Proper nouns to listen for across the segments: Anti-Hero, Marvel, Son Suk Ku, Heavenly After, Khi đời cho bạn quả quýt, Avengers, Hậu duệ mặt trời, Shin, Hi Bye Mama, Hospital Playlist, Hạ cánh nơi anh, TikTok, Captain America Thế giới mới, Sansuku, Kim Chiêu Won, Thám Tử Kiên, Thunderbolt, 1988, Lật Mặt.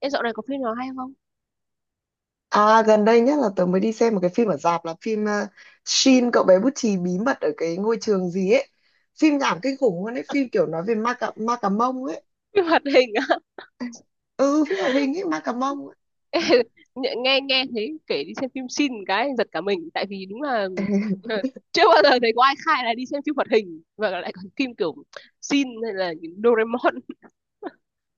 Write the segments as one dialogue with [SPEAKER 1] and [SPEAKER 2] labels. [SPEAKER 1] Em dạo này có phim nào hay không?
[SPEAKER 2] À gần đây nhất là tớ mới đi xem một cái phim ở rạp là phim Shin cậu bé bút chì bí mật ở cái ngôi trường gì ấy. Phim nhảm kinh khủng luôn ấy, phim kiểu nói về ma cà mông ấy.
[SPEAKER 1] Phim hoạt hình á.
[SPEAKER 2] Ừ, phim hoạt hình ấy, ma cà mông ấy.
[SPEAKER 1] Ê, Nghe nghe nghe thấy kể đi xem phim xin cái giật cả mình tại vì đúng là là chưa bao giờ thấy có ai khai là đi xem phim hoạt hình và lại còn phim kiểu xin hay là những Doraemon.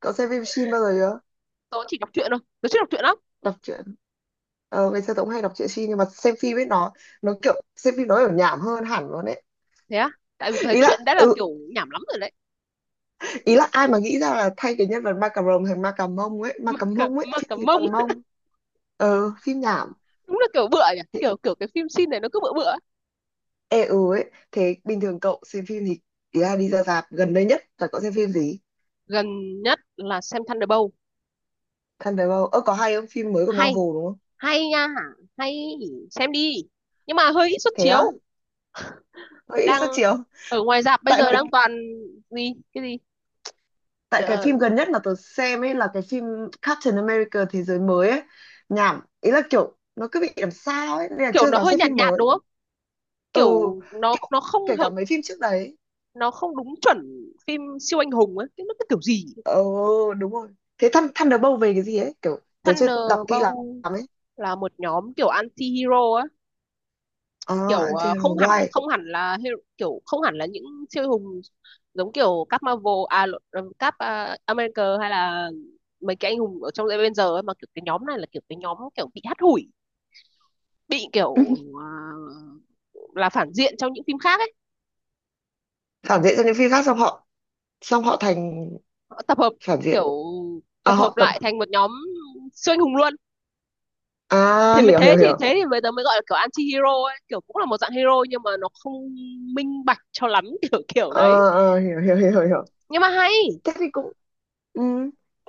[SPEAKER 2] Cậu xem phim Shin bao giờ chưa?
[SPEAKER 1] Tớ chỉ đọc truyện thôi. Tớ chưa đọc truyện lắm.
[SPEAKER 2] Đọc truyện. Ờ, ngày xưa tớ cũng hay đọc truyện Shin nhưng mà xem phim ấy nó kiểu xem phim nó kiểu nhảm hơn hẳn luôn ấy.
[SPEAKER 1] Thế á? Tại vì tớ thấy
[SPEAKER 2] Ý là
[SPEAKER 1] truyện đã là
[SPEAKER 2] ừ,
[SPEAKER 1] kiểu nhảm lắm rồi đấy.
[SPEAKER 2] ý là ai mà nghĩ ra là thay cái nhân vật ma cà rồng thành ma cà mông ấy, ma
[SPEAKER 1] Mà
[SPEAKER 2] cà
[SPEAKER 1] cả,
[SPEAKER 2] mông ấy,
[SPEAKER 1] mà cả
[SPEAKER 2] phim gì
[SPEAKER 1] mông
[SPEAKER 2] toàn mông. Ờ, phim nhảm.
[SPEAKER 1] đúng là kiểu bựa nhỉ. Kiểu kiểu cái phim xin này nó cứ bựa bựa.
[SPEAKER 2] Ê ừ ấy, thế bình thường cậu xem phim thì ý là đi ra rạp gần đây nhất là cậu xem phim gì?
[SPEAKER 1] Gần nhất là xem Thunderbolt.
[SPEAKER 2] Thunderbolt, ơ có hay không? Phim mới của
[SPEAKER 1] Hay,
[SPEAKER 2] Marvel đúng không?
[SPEAKER 1] hay nha, hay xem đi. Nhưng mà hơi ít suất
[SPEAKER 2] Thế á?
[SPEAKER 1] chiếu.
[SPEAKER 2] Vậy
[SPEAKER 1] Đang
[SPEAKER 2] sao chiều?
[SPEAKER 1] ở ngoài rạp bây
[SPEAKER 2] Tại
[SPEAKER 1] giờ đang
[SPEAKER 2] mấy
[SPEAKER 1] toàn gì cái gì.
[SPEAKER 2] tại cái
[SPEAKER 1] Ờ,
[SPEAKER 2] phim gần nhất mà tớ xem ấy là cái phim Captain America Thế giới mới ấy. Nhảm, ý là kiểu nó cứ bị làm sao ấy nên là
[SPEAKER 1] Kiểu
[SPEAKER 2] chưa
[SPEAKER 1] nó
[SPEAKER 2] dám
[SPEAKER 1] hơi
[SPEAKER 2] xem
[SPEAKER 1] nhạt
[SPEAKER 2] phim
[SPEAKER 1] nhạt
[SPEAKER 2] mới.
[SPEAKER 1] đúng không,
[SPEAKER 2] Ừ,
[SPEAKER 1] kiểu nó
[SPEAKER 2] kiểu
[SPEAKER 1] nó không
[SPEAKER 2] kể cả
[SPEAKER 1] hợp,
[SPEAKER 2] mấy phim trước đấy.
[SPEAKER 1] nó không đúng chuẩn phim siêu anh hùng ấy, cái nó cái kiểu gì.
[SPEAKER 2] Ừ, đúng rồi. Thế Thunderbolt về cái gì ấy? Kiểu tớ chưa đọc kỹ lắm
[SPEAKER 1] Thunderbolt
[SPEAKER 2] ấy.
[SPEAKER 1] là một nhóm kiểu anti-hero á,
[SPEAKER 2] À,
[SPEAKER 1] kiểu
[SPEAKER 2] Anti-Hero,
[SPEAKER 1] không hẳn
[SPEAKER 2] why?
[SPEAKER 1] là hero, kiểu không hẳn là những siêu anh hùng, giống kiểu các Marvel à lộn, các America hay là mấy cái anh hùng ở trong Avengers ấy, mà kiểu cái nhóm này là kiểu cái nhóm kiểu bị hắt hủi, bị kiểu là phản diện trong những phim khác ấy,
[SPEAKER 2] Phản diện cho những phim khác, sao họ xong họ thành
[SPEAKER 1] họ tập hợp
[SPEAKER 2] phản
[SPEAKER 1] kiểu
[SPEAKER 2] diện? À
[SPEAKER 1] tập
[SPEAKER 2] họ
[SPEAKER 1] hợp
[SPEAKER 2] tập
[SPEAKER 1] lại thành một nhóm siêu anh hùng luôn.
[SPEAKER 2] à
[SPEAKER 1] Thế mới
[SPEAKER 2] Hiểu
[SPEAKER 1] thế
[SPEAKER 2] hiểu
[SPEAKER 1] thì
[SPEAKER 2] hiểu.
[SPEAKER 1] thế thì bây giờ mới gọi là kiểu anti hero ấy, kiểu cũng là một dạng hero nhưng mà nó không minh bạch cho lắm kiểu kiểu đấy,
[SPEAKER 2] Ờ, hiểu hiểu hiểu hiểu hiểu,
[SPEAKER 1] nhưng mà hay,
[SPEAKER 2] thế thì cũng ừ,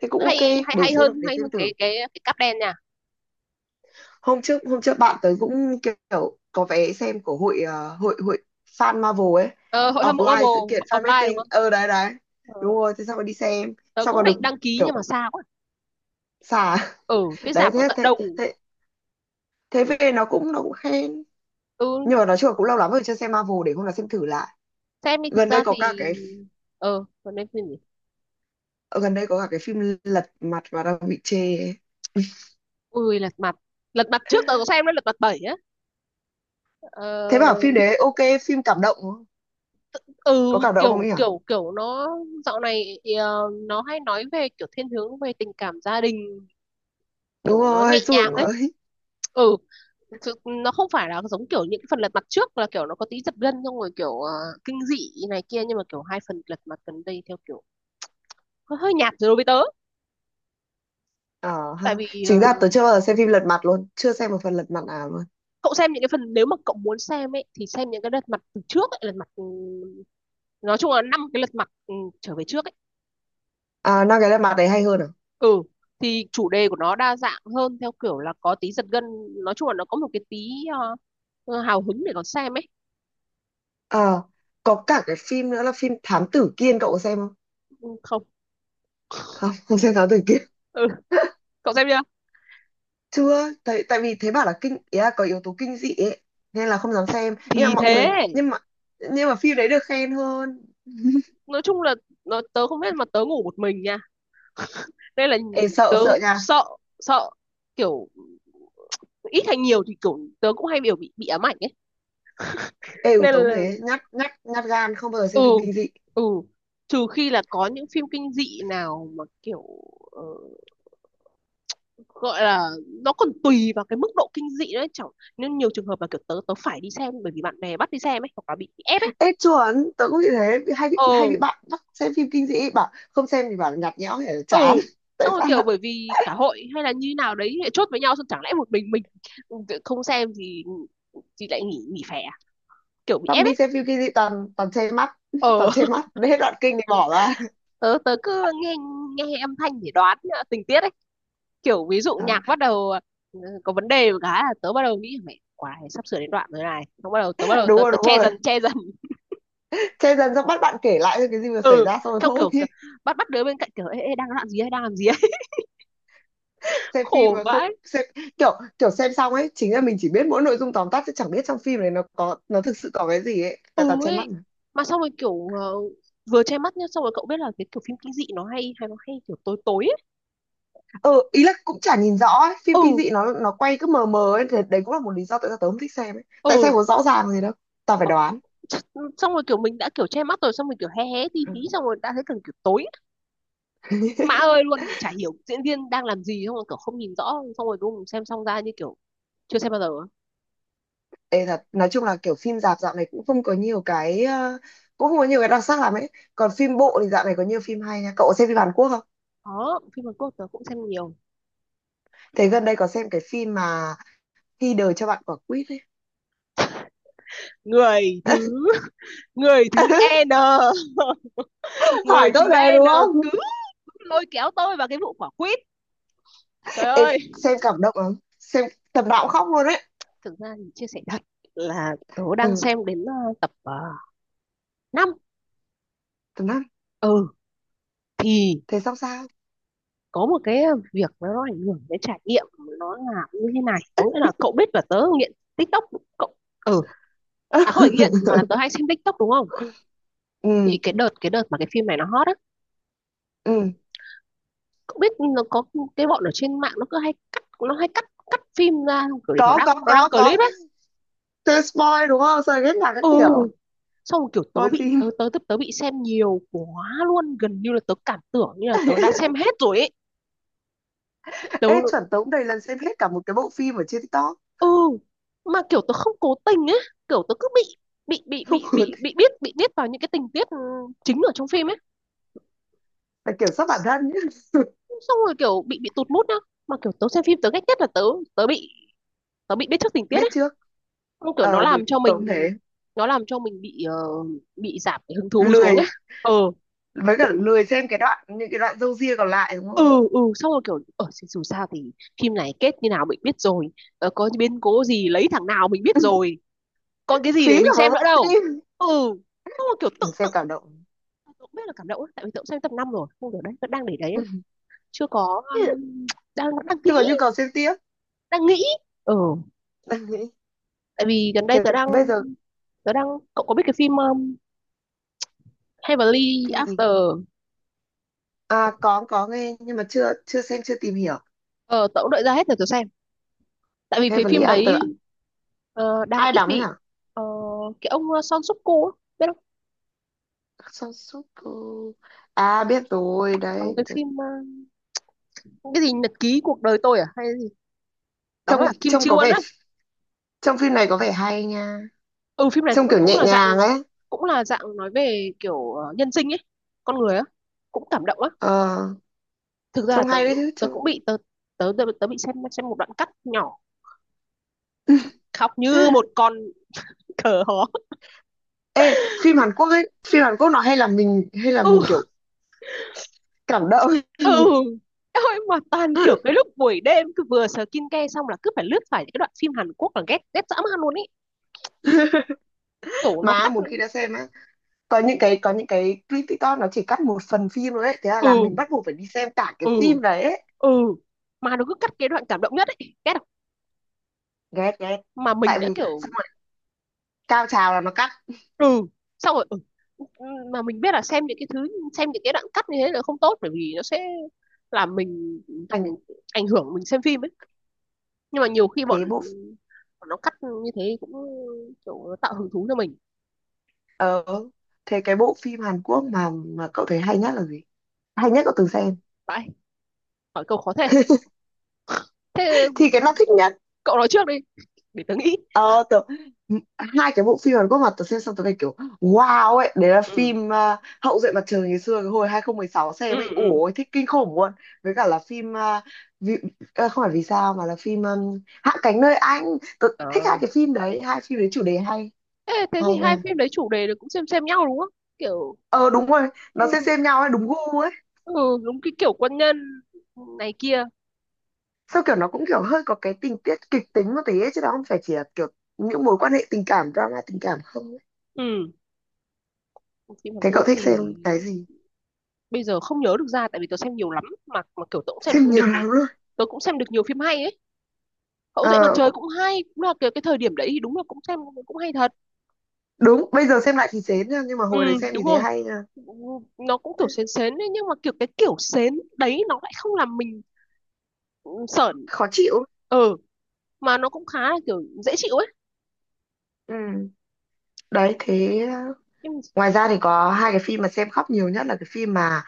[SPEAKER 2] thế cũng
[SPEAKER 1] hay
[SPEAKER 2] ok,
[SPEAKER 1] hay hay hơn
[SPEAKER 2] để
[SPEAKER 1] hay
[SPEAKER 2] xem
[SPEAKER 1] hơn
[SPEAKER 2] thử.
[SPEAKER 1] cái cáp đen nha.
[SPEAKER 2] Hôm trước bạn tới cũng kiểu có vé xem của hội hội hội fan Marvel ấy,
[SPEAKER 1] Ờ, hội hâm mộ
[SPEAKER 2] offline sự
[SPEAKER 1] Marvel
[SPEAKER 2] kiện fan
[SPEAKER 1] offline đúng
[SPEAKER 2] meeting
[SPEAKER 1] không.
[SPEAKER 2] đấy đấy. Đúng
[SPEAKER 1] Ờ,
[SPEAKER 2] rồi, thế xong rồi đi xem,
[SPEAKER 1] tớ
[SPEAKER 2] xong
[SPEAKER 1] cũng
[SPEAKER 2] còn
[SPEAKER 1] định
[SPEAKER 2] được
[SPEAKER 1] đăng ký nhưng
[SPEAKER 2] kiểu
[SPEAKER 1] mà xa quá,
[SPEAKER 2] xà.
[SPEAKER 1] ừ cái
[SPEAKER 2] Đấy,
[SPEAKER 1] rạp ở
[SPEAKER 2] thế
[SPEAKER 1] tận
[SPEAKER 2] thế
[SPEAKER 1] đầu.
[SPEAKER 2] thế thế về nó cũng khen
[SPEAKER 1] Ừ,
[SPEAKER 2] nhưng mà nói chung là cũng lâu lắm rồi chưa xem Marvel, để hôm nào xem thử lại.
[SPEAKER 1] xem đi, thực
[SPEAKER 2] gần đây
[SPEAKER 1] ra
[SPEAKER 2] có
[SPEAKER 1] thì
[SPEAKER 2] cả cái
[SPEAKER 1] ờ còn nên phim gì.
[SPEAKER 2] Ờ, Gần đây có cả cái phim Lật Mặt và đang bị chê ấy.
[SPEAKER 1] Ui lật mặt, lật mặt trước tớ có xem đấy, lật mặt bảy á.
[SPEAKER 2] Thế bảo
[SPEAKER 1] ờ,
[SPEAKER 2] phim đấy ok, phim cảm động đúng không?
[SPEAKER 1] ừ
[SPEAKER 2] Có cảm động không
[SPEAKER 1] kiểu
[SPEAKER 2] ấy hả?
[SPEAKER 1] kiểu kiểu nó dạo này nó hay nói về kiểu thiên hướng về tình cảm gia đình,
[SPEAKER 2] Đúng
[SPEAKER 1] kiểu nó nhẹ
[SPEAKER 2] rồi
[SPEAKER 1] nhàng
[SPEAKER 2] Sương
[SPEAKER 1] ấy.
[SPEAKER 2] ơi.
[SPEAKER 1] Ừ thực- nó không phải là giống kiểu những phần lật mặt trước là kiểu nó có tí giật gân xong rồi kiểu kinh dị này kia, nhưng mà kiểu hai phần lật mặt gần đây theo kiểu hơi nhạt rồi đối với tớ,
[SPEAKER 2] Ờ ha,
[SPEAKER 1] tại vì
[SPEAKER 2] chính ra tớ chưa bao giờ xem phim Lật Mặt luôn, chưa xem một phần Lật Mặt nào luôn.
[SPEAKER 1] cậu xem những cái phần, nếu mà cậu muốn xem ấy thì xem những cái lật mặt từ trước ấy, lật mặt nói chung là năm cái lật mặt trở về trước ấy.
[SPEAKER 2] À năm cái Lật Mặt đấy hay hơn à?
[SPEAKER 1] Ừ thì chủ đề của nó đa dạng hơn, theo kiểu là có tí giật gân, nói chung là nó có một cái tí ờ, hào hứng để còn xem ấy.
[SPEAKER 2] ờ có cả cái phim nữa là phim Thám Tử Kiên, cậu có xem không?
[SPEAKER 1] Ừ, không.
[SPEAKER 2] Không, không xem Thám Tử Kiên.
[SPEAKER 1] Ừ cậu xem chưa.
[SPEAKER 2] Chưa, tại tại vì thế bảo là kinh, ý là có yếu tố kinh dị ấy nên là không dám xem, nhưng
[SPEAKER 1] Thì
[SPEAKER 2] mà mọi
[SPEAKER 1] thế,
[SPEAKER 2] người nhưng mà phim đấy được khen hơn.
[SPEAKER 1] nói chung là nó, tớ không biết mà tớ ngủ một mình nha, nên là
[SPEAKER 2] Ê, sợ
[SPEAKER 1] tớ
[SPEAKER 2] sợ nha.
[SPEAKER 1] sợ, sợ kiểu ít hay nhiều thì kiểu tớ cũng hay biểu bị ám ảnh ấy,
[SPEAKER 2] Ê,
[SPEAKER 1] nên
[SPEAKER 2] tớ cũng
[SPEAKER 1] là
[SPEAKER 2] thế, nhát nhát nhát gan, không bao giờ xem phim
[SPEAKER 1] ừ,
[SPEAKER 2] kinh dị.
[SPEAKER 1] ừ trừ khi là có những phim kinh dị nào mà kiểu ờ, gọi là nó còn tùy vào cái mức độ kinh dị đấy, chẳng nên nhiều trường hợp là kiểu tớ tớ phải đi xem bởi vì bạn bè bắt đi xem ấy hoặc là bị ép ấy.
[SPEAKER 2] Ê chuẩn, tớ cũng bị thế, bị- hay bị hay bị
[SPEAKER 1] Ừ,
[SPEAKER 2] bạn bắt xem phim kinh dị, bảo không xem thì bảo là nhạt nhẽo hay là chán.
[SPEAKER 1] ừ
[SPEAKER 2] Tại
[SPEAKER 1] xong rồi
[SPEAKER 2] sao
[SPEAKER 1] kiểu
[SPEAKER 2] lại
[SPEAKER 1] bởi vì cả hội hay là như nào đấy lại chốt với nhau, xong chẳng lẽ một mình không xem thì lại nghỉ nghỉ phè à? Kiểu bị
[SPEAKER 2] xong
[SPEAKER 1] ép ấy.
[SPEAKER 2] đi xem phim kinh dị toàn toàn che mắt,
[SPEAKER 1] Ờ
[SPEAKER 2] toàn che mắt đến hết đoạn kinh thì bỏ ra.
[SPEAKER 1] tớ tớ cứ nghe, nghe âm thanh để đoán tình tiết ấy, kiểu ví dụ
[SPEAKER 2] À,
[SPEAKER 1] nhạc bắt đầu, có vấn đề một cái là tớ bắt đầu nghĩ mẹ quái sắp sửa đến đoạn rồi này, xong bắt đầu tớ bắt đầu
[SPEAKER 2] đúng
[SPEAKER 1] tớ,
[SPEAKER 2] rồi
[SPEAKER 1] tớ
[SPEAKER 2] đúng
[SPEAKER 1] che
[SPEAKER 2] rồi,
[SPEAKER 1] dần
[SPEAKER 2] che dần xong bắt bạn kể lại thôi cái gì vừa xảy
[SPEAKER 1] ừ.
[SPEAKER 2] ra xong rồi
[SPEAKER 1] Xong
[SPEAKER 2] thôi.
[SPEAKER 1] kiểu c- bắt bắt đứa bên cạnh kiểu ê, ê đang làm gì ấy,
[SPEAKER 2] Xem phim
[SPEAKER 1] khổ
[SPEAKER 2] mà không
[SPEAKER 1] vãi.
[SPEAKER 2] xem. Kiểu kiểu xem xong ấy chính là mình chỉ biết mỗi nội dung tóm tắt chứ chẳng biết trong phim này nó có, nó thực sự có cái gì ấy,
[SPEAKER 1] Ừ
[SPEAKER 2] tại toàn che mắt
[SPEAKER 1] ấy,
[SPEAKER 2] mà.
[SPEAKER 1] mà xong rồi kiểu vừa che mắt nhá, xong rồi cậu biết là cái kiểu phim kinh dị nó hay hay nó hay kiểu tối tối ấy.
[SPEAKER 2] Ừ, ý là cũng chả nhìn rõ ấy. Phim
[SPEAKER 1] Ừ,
[SPEAKER 2] kinh dị nó quay cứ mờ mờ ấy thì đấy cũng là một lý do tại sao tớ không thích xem ấy, tại
[SPEAKER 1] ừ.
[SPEAKER 2] sao có rõ ràng gì đâu, tao phải
[SPEAKER 1] Ơ,
[SPEAKER 2] đoán.
[SPEAKER 1] ch- xong rồi kiểu mình đã kiểu che mắt rồi, xong rồi kiểu hé hé tí tí
[SPEAKER 2] Ừ.
[SPEAKER 1] xong rồi đã thấy cần kiểu tối mã ơi luôn, chả hiểu diễn viên đang làm gì, xong rồi kiểu không nhìn rõ, xong rồi đúng xem xong ra như kiểu chưa xem bao giờ á?
[SPEAKER 2] Ê thật, nói chung là kiểu phim rạp dạo này cũng không có nhiều cái cũng không có nhiều cái đặc sắc lắm ấy. Còn phim bộ thì dạo này có nhiều phim hay nha. Cậu có xem phim Hàn Quốc không?
[SPEAKER 1] Có, phim Hàn Quốc tớ cũng xem nhiều.
[SPEAKER 2] Thế gần đây có xem cái phim mà Khi đời cho bạn quả quýt ấy.
[SPEAKER 1] Người thứ người thứ N,
[SPEAKER 2] Hỏi
[SPEAKER 1] người thứ
[SPEAKER 2] câu này
[SPEAKER 1] N
[SPEAKER 2] đúng không?
[SPEAKER 1] cứ lôi kéo tôi vào cái vụ quả quýt, trời
[SPEAKER 2] Ê,
[SPEAKER 1] ơi.
[SPEAKER 2] xem cảm động lắm. Xem tầm nào cũng khóc luôn ấy.
[SPEAKER 1] Thực ra thì chia sẻ thật là tớ đang
[SPEAKER 2] Ừ,
[SPEAKER 1] xem đến tập 5.
[SPEAKER 2] tầm năm.
[SPEAKER 1] Ừ thì
[SPEAKER 2] Thế xong sao?
[SPEAKER 1] có một cái việc nó ảnh hưởng đến trải nghiệm, nó là như thế này, có nghĩa là cậu biết là tớ nghiện TikTok, cậu ừ. À không phải nghiện mà là tớ hay xem TikTok đúng không,
[SPEAKER 2] Ừ,
[SPEAKER 1] thì cái đợt mà cái phim này nó hot á,
[SPEAKER 2] ừ.
[SPEAKER 1] cậu biết nó có cái bọn ở trên mạng nó cứ hay cắt phim ra kiểu để nó
[SPEAKER 2] Có
[SPEAKER 1] đăng,
[SPEAKER 2] có
[SPEAKER 1] clip
[SPEAKER 2] có
[SPEAKER 1] ấy.
[SPEAKER 2] từ spoil đúng không, rồi biết là các
[SPEAKER 1] Ừ
[SPEAKER 2] kiểu
[SPEAKER 1] xong rồi kiểu tớ
[SPEAKER 2] spoil
[SPEAKER 1] bị
[SPEAKER 2] phim.
[SPEAKER 1] tớ tớ tớ, tớ bị xem nhiều quá luôn, gần như là tớ cảm tưởng như là tớ đã xem hết rồi ấy. Tớ
[SPEAKER 2] Ê chuẩn, tống đầy lần xem hết cả một cái bộ phim ở trên TikTok.
[SPEAKER 1] ừ, mà kiểu tớ không cố tình ấy, kiểu tớ cứ bị
[SPEAKER 2] Không ngờ thế.
[SPEAKER 1] biết, bị biết vào những cái tình tiết chính ở trong phim ấy,
[SPEAKER 2] Phải kiểm soát bản thân nhé.
[SPEAKER 1] xong rồi kiểu bị tụt mood nhá. Mà kiểu tớ xem phim tớ ghét nhất là tớ tớ bị, bị biết trước tình tiết
[SPEAKER 2] Biết
[SPEAKER 1] ấy.
[SPEAKER 2] trước,
[SPEAKER 1] Không, kiểu nó
[SPEAKER 2] được
[SPEAKER 1] làm cho mình,
[SPEAKER 2] tống thế,
[SPEAKER 1] nó làm cho mình bị bị giảm cái hứng thú xuống
[SPEAKER 2] lười,
[SPEAKER 1] ấy. Ờ
[SPEAKER 2] với cả lười xem cái đoạn, những cái đoạn râu ria còn lại đúng không,
[SPEAKER 1] ừ, ừ xong rồi kiểu ở dù sao thì phim này kết như nào mình biết rồi. Ờ, có biến cố gì lấy thằng nào mình biết rồi. Còn cái gì để
[SPEAKER 2] phí cả
[SPEAKER 1] mình
[SPEAKER 2] một
[SPEAKER 1] xem nữa
[SPEAKER 2] bộ
[SPEAKER 1] đâu.
[SPEAKER 2] phim.
[SPEAKER 1] Ừ. Xong rồi kiểu tự
[SPEAKER 2] Mình
[SPEAKER 1] tự
[SPEAKER 2] xem cảm động.
[SPEAKER 1] tôi cũng biết là cảm động ấy, tại vì tôi cũng xem tập 5 rồi. Không được đấy, vẫn đang để đấy ấy. Chưa có đang đang nghĩ,
[SPEAKER 2] Chứ còn nhu cầu xem tiếp.
[SPEAKER 1] đang nghĩ. Ừ,
[SPEAKER 2] Đang nghĩ
[SPEAKER 1] tại vì gần đây
[SPEAKER 2] thế
[SPEAKER 1] tớ đang
[SPEAKER 2] bây giờ.
[SPEAKER 1] tớ đang cậu có biết cái phim Heavenly
[SPEAKER 2] Phim gì?
[SPEAKER 1] After.
[SPEAKER 2] À có nghe nhưng mà chưa chưa xem, chưa tìm hiểu.
[SPEAKER 1] Ờ tớ cũng đợi ra hết rồi tớ xem, tại vì cái phim
[SPEAKER 2] Heavenly After.
[SPEAKER 1] đấy đang
[SPEAKER 2] Ai
[SPEAKER 1] ít
[SPEAKER 2] đóng nhỉ?
[SPEAKER 1] bị ờ, cái ông Son Suk Ku á, biết không,
[SPEAKER 2] Sansuku? À biết rồi
[SPEAKER 1] đóng
[SPEAKER 2] đấy.
[SPEAKER 1] cái phim ờ, cái gì nhật ký cuộc đời tôi à hay gì, đóng
[SPEAKER 2] Trông
[SPEAKER 1] là Kim
[SPEAKER 2] trông
[SPEAKER 1] Chiêu
[SPEAKER 2] có
[SPEAKER 1] Won
[SPEAKER 2] vẻ,
[SPEAKER 1] á.
[SPEAKER 2] trong phim này có vẻ hay nha,
[SPEAKER 1] Ừ phim này
[SPEAKER 2] trông
[SPEAKER 1] cũng
[SPEAKER 2] kiểu
[SPEAKER 1] cũng
[SPEAKER 2] nhẹ
[SPEAKER 1] là dạng,
[SPEAKER 2] nhàng ấy.
[SPEAKER 1] cũng là dạng nói về kiểu nhân sinh ấy, con người á, cũng cảm động á.
[SPEAKER 2] ờ
[SPEAKER 1] Thực ra là
[SPEAKER 2] Trông
[SPEAKER 1] tớ
[SPEAKER 2] hay đấy chứ,
[SPEAKER 1] tớ
[SPEAKER 2] trông.
[SPEAKER 1] cũng bị tớ bị xem một đoạn cắt nhỏ, khóc như một con cờ hó.
[SPEAKER 2] Ê phim Hàn Quốc ấy, phim Hàn Quốc nó hay làm mình, hay là mình
[SPEAKER 1] Ừ,
[SPEAKER 2] kiểu cảm động.
[SPEAKER 1] ừ ôi mà toàn kiểu cái lúc buổi đêm cứ vừa sờ kin ke xong là cứ phải lướt phải những cái đoạn phim Hàn Quốc là ghét ghét dã man luôn ý, kiểu nó
[SPEAKER 2] Mà
[SPEAKER 1] cắt.
[SPEAKER 2] một khi đã xem á, có những cái clip TikTok nó chỉ cắt một phần phim thôi ấy, thế là làm
[SPEAKER 1] ừ
[SPEAKER 2] mình bắt buộc phải đi xem cả cái
[SPEAKER 1] ừ
[SPEAKER 2] phim đấy ấy.
[SPEAKER 1] ừ mà nó cứ cắt cái đoạn cảm động nhất ấy, ghét không,
[SPEAKER 2] Ghét ghét.
[SPEAKER 1] mà mình
[SPEAKER 2] Tại vì
[SPEAKER 1] đã kiểu
[SPEAKER 2] xong rồi cao trào là nó cắt,
[SPEAKER 1] ừ xong rồi ừ. Mà mình biết là xem những cái thứ, xem những cái đoạn cắt như thế là không tốt bởi vì nó sẽ làm mình
[SPEAKER 2] thành
[SPEAKER 1] ảnh hưởng mình xem phim ấy, nhưng mà nhiều khi bọn,
[SPEAKER 2] thế bộ.
[SPEAKER 1] bọn nó cắt như thế cũng kiểu nó tạo hứng thú cho mình.
[SPEAKER 2] Ờ, thế cái bộ phim Hàn Quốc mà cậu thấy hay nhất là gì? Hay nhất cậu từng xem?
[SPEAKER 1] Vậy hỏi câu khó thế, thế
[SPEAKER 2] Thì cái nào thích nhất?
[SPEAKER 1] cậu nói trước đi để tớ nghĩ.
[SPEAKER 2] Ờ, tớ, m- hai cái bộ phim Hàn Quốc mà tớ xem xong tớ phải kiểu wow ấy, đấy là
[SPEAKER 1] ừ
[SPEAKER 2] phim Hậu duệ mặt trời, ngày xưa cái hồi 2016
[SPEAKER 1] ừ
[SPEAKER 2] xem ấy.
[SPEAKER 1] ừ.
[SPEAKER 2] Ủa, thích kinh khủng luôn. Với cả là phim, vì, không phải vì sao mà là phim Hạ cánh nơi anh. Tớ thích hai
[SPEAKER 1] Ờ.
[SPEAKER 2] cái phim đấy, hai phim đấy chủ đề hay.
[SPEAKER 1] Thế, thì
[SPEAKER 2] Hay
[SPEAKER 1] hai
[SPEAKER 2] nha.
[SPEAKER 1] phim đấy chủ đề là cũng xem nhau đúng không, kiểu
[SPEAKER 2] Ờ đúng rồi, nó
[SPEAKER 1] ừ,
[SPEAKER 2] xem nhau ấy, đúng gu,
[SPEAKER 1] ừ đúng cái kiểu quân nhân này kia.
[SPEAKER 2] sao kiểu nó cũng kiểu hơi có cái tình tiết kịch tính một tí ấy, chứ nó không phải chỉ là kiểu những mối quan hệ tình cảm, drama tình cảm không ấy.
[SPEAKER 1] Ừ phim Hàn
[SPEAKER 2] Thế cậu
[SPEAKER 1] Quốc
[SPEAKER 2] thích xem
[SPEAKER 1] thì
[SPEAKER 2] cái gì?
[SPEAKER 1] bây giờ không nhớ được ra, tại vì tớ xem nhiều lắm, mà kiểu tớ cũng xem
[SPEAKER 2] Xem nhiều
[SPEAKER 1] được
[SPEAKER 2] lắm luôn.
[SPEAKER 1] tớ cũng xem được nhiều phim hay ấy. Cậu dậy mặt
[SPEAKER 2] ờ
[SPEAKER 1] trời cũng hay, cũng là cái thời điểm đấy thì đúng là cũng xem, cũng hay thật.
[SPEAKER 2] Đúng, bây giờ xem lại thì chán nha, nhưng mà
[SPEAKER 1] Ừ
[SPEAKER 2] hồi đấy xem
[SPEAKER 1] đúng
[SPEAKER 2] thì thấy
[SPEAKER 1] rồi,
[SPEAKER 2] hay nha.
[SPEAKER 1] nó cũng kiểu sến sến ấy, nhưng mà kiểu cái kiểu sến đấy nó lại không làm mình ừ, sởn.
[SPEAKER 2] Khó chịu.
[SPEAKER 1] Ừ mà nó cũng khá là kiểu dễ chịu ấy.
[SPEAKER 2] Ừ, đấy thế
[SPEAKER 1] Nhưng-
[SPEAKER 2] ngoài ra thì có hai cái phim mà xem khóc nhiều nhất là cái phim mà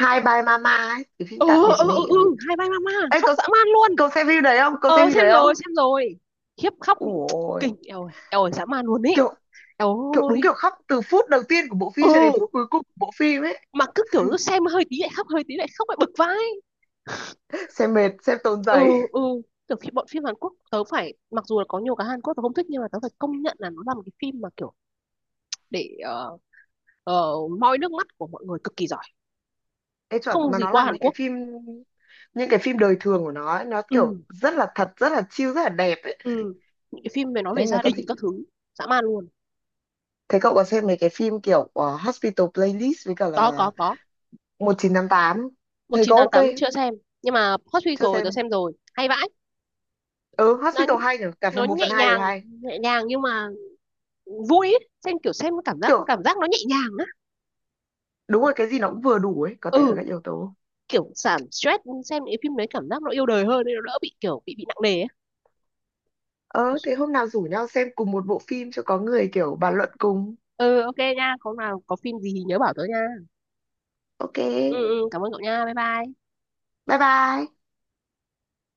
[SPEAKER 2] Hi Bye Mama ấy, cái phim
[SPEAKER 1] ừ,
[SPEAKER 2] tạm biệt
[SPEAKER 1] ừ,
[SPEAKER 2] mẹ
[SPEAKER 1] ừ.
[SPEAKER 2] ấy.
[SPEAKER 1] Hai ba ma ma
[SPEAKER 2] Ê,
[SPEAKER 1] khóc
[SPEAKER 2] cậu
[SPEAKER 1] dã man luôn.
[SPEAKER 2] cậu xem phim đấy không, cậu xem
[SPEAKER 1] Ờ
[SPEAKER 2] phim
[SPEAKER 1] xem
[SPEAKER 2] đấy không?
[SPEAKER 1] rồi, khiếp khóc
[SPEAKER 2] Ủa ôi,
[SPEAKER 1] kinh, eo ơi, eo ơi dã man luôn ý,
[SPEAKER 2] kiểu
[SPEAKER 1] eo
[SPEAKER 2] kiểu đúng
[SPEAKER 1] ơi.
[SPEAKER 2] kiểu khóc từ phút đầu tiên của bộ phim cho đến
[SPEAKER 1] Ừ
[SPEAKER 2] phút cuối cùng của bộ phim ấy.
[SPEAKER 1] mà cứ kiểu cứ xem hơi tí lại khóc, hơi tí lại khóc lại bực vai.
[SPEAKER 2] Xem mệt, xem tốn giấy.
[SPEAKER 1] Ừ, ừ kiểu khi bọn phim Hàn Quốc tớ phải, mặc dù là có nhiều cái Hàn Quốc tớ không thích nhưng mà tớ phải công nhận là nó là một cái phim mà kiểu để ờ, moi nước mắt của mọi người cực kỳ giỏi,
[SPEAKER 2] Ê chuẩn,
[SPEAKER 1] không
[SPEAKER 2] mà
[SPEAKER 1] gì
[SPEAKER 2] nó
[SPEAKER 1] qua
[SPEAKER 2] làm
[SPEAKER 1] Hàn
[SPEAKER 2] những cái
[SPEAKER 1] Quốc.
[SPEAKER 2] phim, đời thường của nó ấy, nó kiểu
[SPEAKER 1] ừ
[SPEAKER 2] rất là thật, rất là chill, rất là đẹp ấy.
[SPEAKER 1] ừ những cái phim về nói về
[SPEAKER 2] Đấy người
[SPEAKER 1] gia
[SPEAKER 2] ta
[SPEAKER 1] đình
[SPEAKER 2] thích.
[SPEAKER 1] các thứ, dã man luôn.
[SPEAKER 2] Thế cậu có xem mấy cái phim kiểu Hospital Playlist với cả
[SPEAKER 1] có có
[SPEAKER 2] là
[SPEAKER 1] có
[SPEAKER 2] 1988 tám,
[SPEAKER 1] một
[SPEAKER 2] thấy
[SPEAKER 1] chín
[SPEAKER 2] có
[SPEAKER 1] tám
[SPEAKER 2] ok
[SPEAKER 1] tám
[SPEAKER 2] không?
[SPEAKER 1] chưa xem, nhưng mà Hot Suite
[SPEAKER 2] Chưa
[SPEAKER 1] rồi tớ
[SPEAKER 2] xem.
[SPEAKER 1] xem rồi, hay vãi.
[SPEAKER 2] Ừ,
[SPEAKER 1] Nó
[SPEAKER 2] Hospital hay nhỉ, cả phần một
[SPEAKER 1] nhẹ
[SPEAKER 2] phần 2 đều
[SPEAKER 1] nhàng,
[SPEAKER 2] hay.
[SPEAKER 1] nhưng mà vui ấy. Xem kiểu xem cảm giác
[SPEAKER 2] Kiểu
[SPEAKER 1] cảm giác nó nhẹ nhàng á.
[SPEAKER 2] đúng rồi, cái gì nó cũng vừa đủ ấy, có tất cả
[SPEAKER 1] Ừ,
[SPEAKER 2] các yếu tố.
[SPEAKER 1] kiểu giảm stress, xem những phim đấy cảm giác nó yêu đời hơn nên nó đỡ bị kiểu bị nặng nề ấy.
[SPEAKER 2] Ờ Thế hôm nào rủ nhau xem cùng một bộ phim cho có người kiểu bàn luận cùng.
[SPEAKER 1] Ừ ok nha, có nào có phim gì thì nhớ bảo tớ nha.
[SPEAKER 2] Ok,
[SPEAKER 1] Ừ, ừ cảm ơn cậu nha, bye bye.
[SPEAKER 2] bye bye.